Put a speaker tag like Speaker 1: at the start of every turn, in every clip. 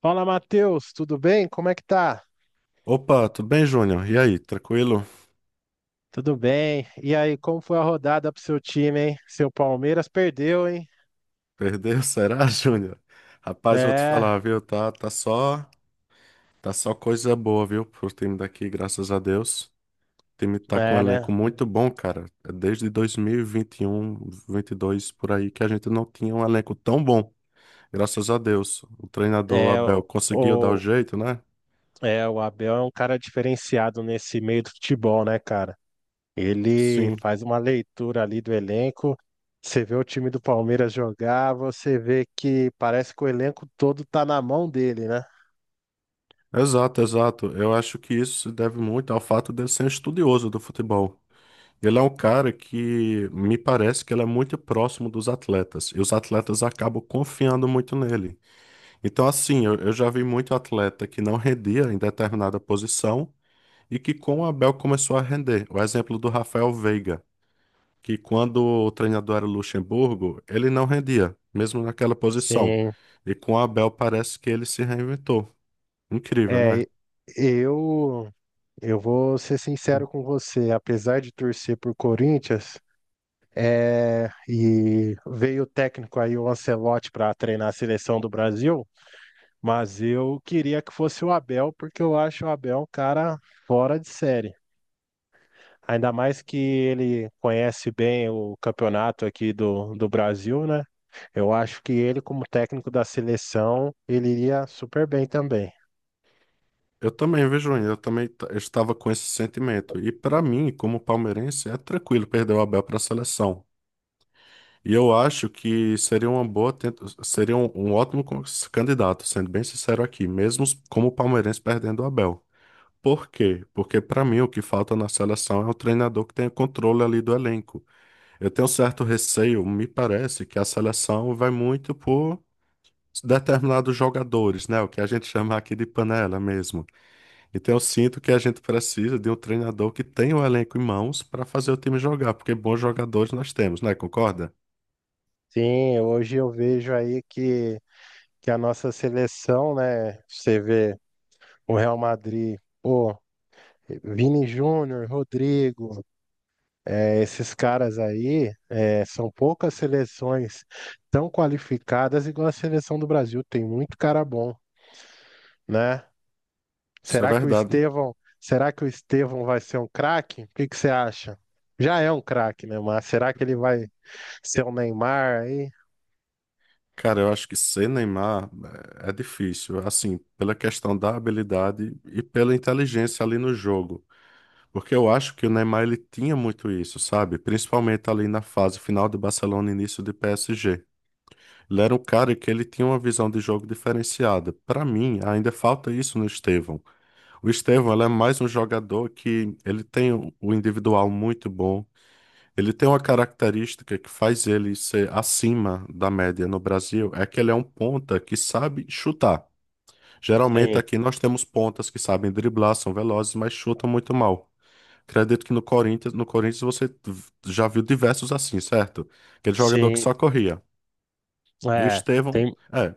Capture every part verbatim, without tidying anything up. Speaker 1: Fala, Matheus, tudo bem? Como é que tá?
Speaker 2: Opa, tudo bem, Júnior? E aí, tranquilo?
Speaker 1: Tudo bem. E aí, como foi a rodada pro seu time, hein? Seu Palmeiras perdeu, hein?
Speaker 2: Perdeu? Será, Júnior? Rapaz, vou te
Speaker 1: É,
Speaker 2: falar, viu? Tá, tá só, tá só coisa boa, viu, pro time daqui, graças a Deus. O time tá com um
Speaker 1: é,
Speaker 2: elenco
Speaker 1: né?
Speaker 2: muito bom, cara. É desde dois mil e vinte e um, vinte e dois por aí que a gente não tinha um elenco tão bom. Graças a Deus. O treinador
Speaker 1: É,
Speaker 2: Abel
Speaker 1: o,
Speaker 2: conseguiu dar o
Speaker 1: o-
Speaker 2: jeito, né?
Speaker 1: é, o Abel é um cara diferenciado nesse meio do futebol, né, cara? Ele
Speaker 2: Sim.
Speaker 1: faz uma leitura ali do elenco. Você vê o time do Palmeiras jogar, você vê que parece que o elenco todo tá na mão dele, né?
Speaker 2: Exato, exato. Eu acho que isso se deve muito ao fato de eu ser um estudioso do futebol. Ele é um cara que me parece que ele é muito próximo dos atletas, e os atletas acabam confiando muito nele. Então, assim, eu, eu já vi muito atleta que não rendia em determinada posição e que com o Abel começou a render. O exemplo do Rafael Veiga, que quando o treinador era o Luxemburgo, ele não rendia, mesmo naquela posição.
Speaker 1: Sim.
Speaker 2: E com o Abel parece que ele se reinventou. Incrível, né?
Speaker 1: É, eu Eu vou ser sincero com você, apesar de torcer por Corinthians, é, e veio o técnico aí, o Ancelotti, para treinar a seleção do Brasil, mas eu queria que fosse o Abel, porque eu acho o Abel um cara fora de série. Ainda mais que ele conhece bem o campeonato aqui do, do Brasil, né? Eu acho que ele, como técnico da seleção, ele iria super bem também.
Speaker 2: Eu também, vejo Eu também t- Eu estava com esse sentimento. E para mim, como palmeirense, é tranquilo perder o Abel para a seleção. E eu acho que seria uma boa, tenta- seria um, um ótimo con- candidato, sendo bem sincero aqui, mesmo s- como palmeirense perdendo o Abel. Por quê? Porque para mim o que falta na seleção é um treinador que tenha controle ali do elenco. Eu tenho certo receio, me parece que a seleção vai muito por determinados jogadores, né? O que a gente chama aqui de panela mesmo. Então eu sinto que a gente precisa de um treinador que tenha o elenco em mãos para fazer o time jogar, porque bons jogadores nós temos, né? Concorda?
Speaker 1: Sim, hoje eu vejo aí que que a nossa seleção, né? Você vê o Real Madrid, pô, Vini Júnior, Rodrigo, eh, esses caras aí, eh, são poucas seleções tão qualificadas igual a seleção do Brasil. Tem muito cara bom, né?
Speaker 2: Isso é
Speaker 1: Será que o
Speaker 2: verdade.
Speaker 1: Estevão, será que o Estevão vai ser um craque? O que que você acha? Já é um craque, né? Mas será que ele vai ser o Neymar aí?
Speaker 2: Cara, eu acho que ser Neymar eh, é difícil, assim, pela questão da habilidade e pela inteligência ali no jogo. Porque eu acho que o Neymar ele tinha muito isso, sabe? Principalmente ali na fase final do Barcelona, início de P S G. Ele era um cara que ele tinha uma visão de jogo diferenciada. Para mim, ainda falta isso no Estevão. O Estevão, ele é mais um jogador que ele tem o o individual muito bom. Ele tem uma característica que faz ele ser acima da média no Brasil, é que ele é um ponta que sabe chutar. Geralmente
Speaker 1: Sim,
Speaker 2: aqui nós temos pontas que sabem driblar, são velozes, mas chutam muito mal. Acredito que no Corinthians, no Corinthians você v- já viu diversos assim, certo? Aquele jogador que
Speaker 1: sim.
Speaker 2: só corria. E o
Speaker 1: É,
Speaker 2: Estevão,
Speaker 1: tem
Speaker 2: é,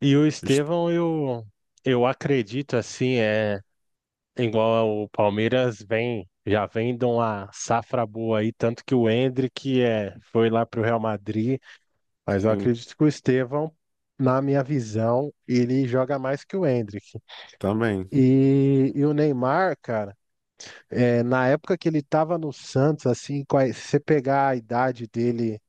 Speaker 1: E o Estevão, eu, eu acredito assim, é igual o Palmeiras vem, já vem de uma safra boa aí, tanto que o Endrick é, foi lá pro Real Madrid, mas eu
Speaker 2: sim,
Speaker 1: acredito que o Estevão, na minha visão, ele joga mais que o Endrick.
Speaker 2: também.
Speaker 1: E, e o Neymar, cara, é, na época que ele tava no Santos, assim, quais- se você pegar a idade dele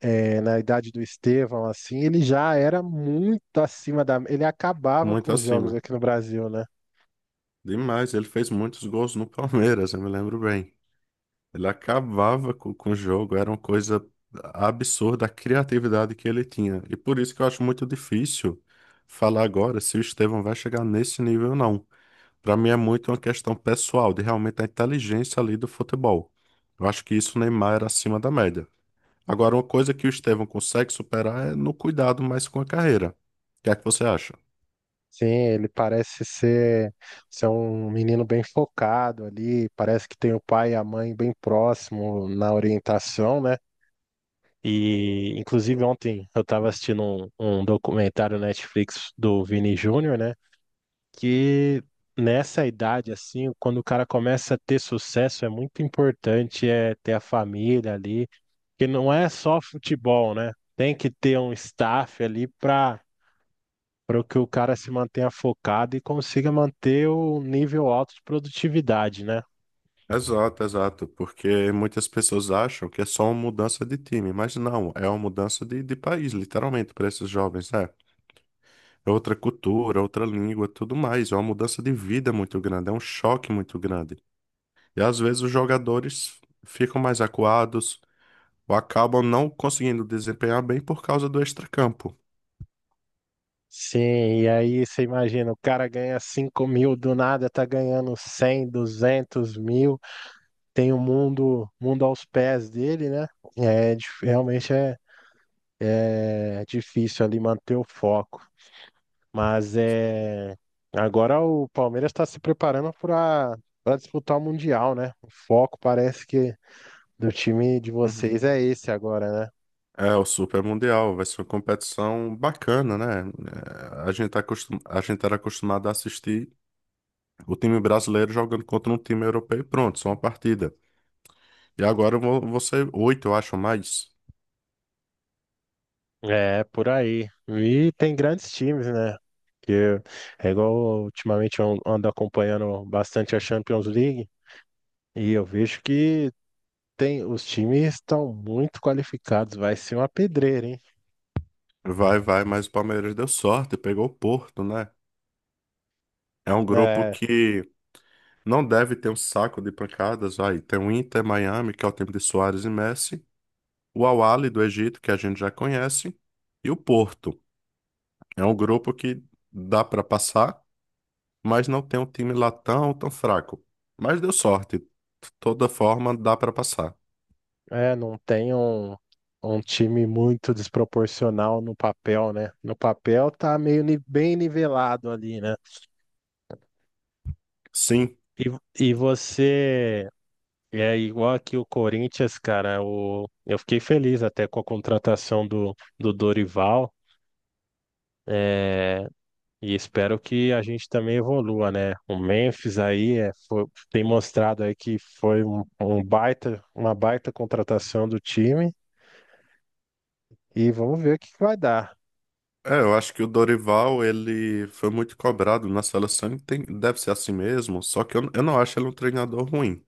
Speaker 1: é, na idade do Estevão, assim, ele já era muito acima da. Ele acabava com
Speaker 2: Muito
Speaker 1: os jogos
Speaker 2: acima.
Speaker 1: aqui no Brasil, né?
Speaker 2: Demais. Ele fez muitos gols no Palmeiras, eu me lembro bem. Ele acabava co- com, o jogo, era uma coisa absurda a criatividade que ele tinha. E por isso que eu acho muito difícil falar agora se o Estevão vai chegar nesse nível ou não. Para mim é muito uma questão pessoal, de realmente a inteligência ali do futebol. Eu acho que isso o Neymar era acima da média. Agora, uma coisa que o Estevão consegue superar é no cuidado mais com a carreira. O que é que você acha?
Speaker 1: Sim, ele parece ser, ser um menino bem focado ali, parece que tem o pai e a mãe bem próximo na orientação, né? E, inclusive, ontem eu estava assistindo um, um documentário Netflix do Vini Júnior, né? Que nessa idade, assim, quando o cara começa a ter sucesso, é muito importante é ter a família ali, que não é só futebol, né? Tem que ter um staff ali para para que o cara se mantenha focado e consiga manter o nível alto de produtividade, né?
Speaker 2: Exato, exato, porque muitas pessoas acham que é só uma mudança de time, mas não, é uma mudança de, de país, literalmente, para esses jovens, né? É outra cultura, outra língua, tudo mais, é uma mudança de vida muito grande, é um choque muito grande. E às vezes os jogadores ficam mais acuados ou acabam não conseguindo desempenhar bem por causa do extracampo.
Speaker 1: Sim, e aí você imagina, o cara ganha cinco mil, do nada tá ganhando cem, duzentos mil, tem o mundo, mundo aos pés dele, né? É, dif- realmente é, é difícil ali manter o foco. Mas é agora o Palmeiras está se preparando para para disputar o Mundial, né? O foco parece que do time de
Speaker 2: Uhum.
Speaker 1: vocês é esse agora, né?
Speaker 2: É, o Super Mundial vai ser uma competição bacana, né? É, A gente tá acostum... a gente era acostumado a assistir o time brasileiro jogando contra um time europeu e pronto, só uma partida. E agora vo- você, oito, eu acho mais.
Speaker 1: É, por aí. E tem grandes times, né? Que é igual ultimamente eu ando acompanhando bastante a Champions League e eu vejo que tem os times estão muito qualificados, vai ser uma pedreira, hein?
Speaker 2: Vai, vai, mas o Palmeiras deu sorte, pegou o Porto, né? É um grupo
Speaker 1: É,
Speaker 2: que não deve ter um saco de pancadas, vai. Tem o Inter Miami, que é o time de Suárez e Messi, o Al Ahly do Egito, que a gente já conhece, e o Porto. É um grupo que dá pra passar, mas não tem um time lá tão, tão fraco. Mas deu sorte. De toda forma, dá pra passar.
Speaker 1: é, não tem um, um time muito desproporcional no papel, né? No papel tá meio ni- bem nivelado ali, né?
Speaker 2: Sim.
Speaker 1: E, e você é igual aqui o Corinthians, cara. O, eu fiquei feliz até com a contratação do, do Dorival. é, e espero que a gente também evolua, né? O Memphis aí é, foi- tem mostrado aí que foi um, um baita, uma baita contratação do time. E vamos ver o que que vai dar.
Speaker 2: É, eu acho que o Dorival, ele foi muito cobrado na seleção e tem- deve ser assim mesmo, só que eu, eu não acho ele um treinador ruim.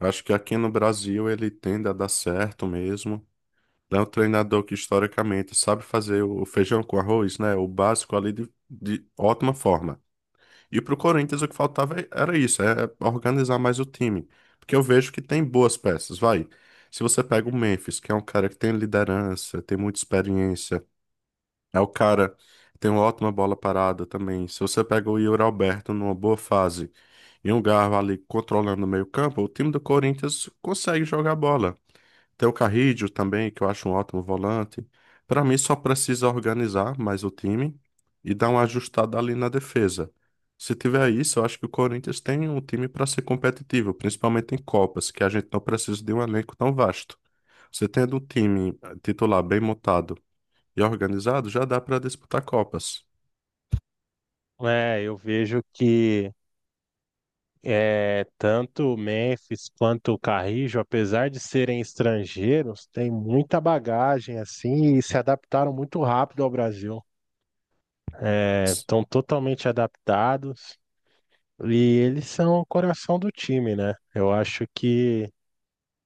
Speaker 2: Eu acho que aqui no Brasil ele tende a dar certo mesmo. Ele é um treinador que historicamente sabe fazer o feijão com arroz, né? O básico ali de, de ótima forma. E pro Corinthians o que faltava é- era isso, é organizar mais o time. Porque eu vejo que tem boas peças, vai. Se você pega o Memphis, que é um cara que tem liderança, tem muita experiência, é o cara. Tem uma ótima bola parada também. Se você pega o Yuri Alberto numa boa fase e um Garro ali controlando o meio-campo, o time do Corinthians consegue jogar bola. Tem o Carrídio também, que eu acho um ótimo volante. Para mim, só precisa organizar mais o time e dar uma ajustada ali na defesa. Se tiver isso, eu acho que o Corinthians tem um time para ser competitivo, principalmente em Copas, que a gente não precisa de um elenco tão vasto. Você tendo um time eh, titular bem montado e organizado, já dá para disputar Copas.
Speaker 1: É, eu vejo que é, tanto o Memphis quanto o Carrijo, apesar de serem estrangeiros, têm muita bagagem assim e se adaptaram muito rápido ao Brasil. É, estão totalmente adaptados e eles são o coração do time, né? Eu acho que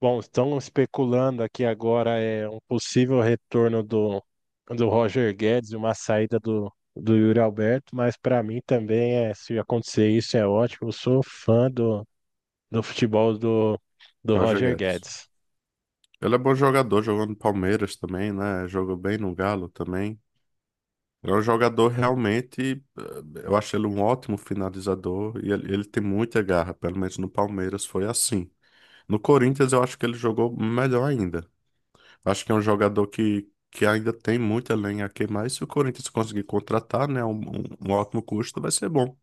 Speaker 1: bom, estão especulando aqui agora é um possível retorno do, do Roger Guedes e uma saída do, do Yuri Alberto, mas para mim também é, se acontecer isso é ótimo. Eu sou fã do, do futebol do, do
Speaker 2: Roger
Speaker 1: Roger
Speaker 2: Guedes.
Speaker 1: Guedes.
Speaker 2: Ele é bom jogador, jogou no Palmeiras também, né? Jogou bem no Galo também. É um jogador realmente, eh, eu acho ele um ótimo finalizador e ele, ele tem muita garra, pelo menos no Palmeiras foi assim. No Corinthians eu acho que ele jogou melhor ainda. Acho que é um jogador que, que ainda tem muita lenha a queimar e se o Corinthians conseguir contratar, né, um, um um ótimo custo vai ser bom.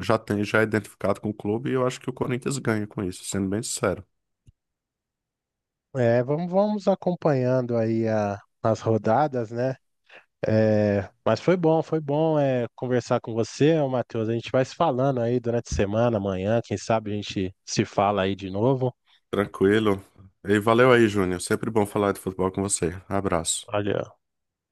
Speaker 2: Já tem, já é identificado com o clube e eu acho que o Corinthians ganha com isso, sendo bem sincero.
Speaker 1: É, vamos, vamos acompanhando aí a, as rodadas, né? É, mas foi bom, foi bom é, conversar com você, ô Matheus. A gente vai se falando aí durante a semana, amanhã, quem sabe a gente se fala aí de novo.
Speaker 2: Tranquilo. E valeu aí, Júnior. Sempre bom falar de futebol com você. Abraço.
Speaker 1: Olha,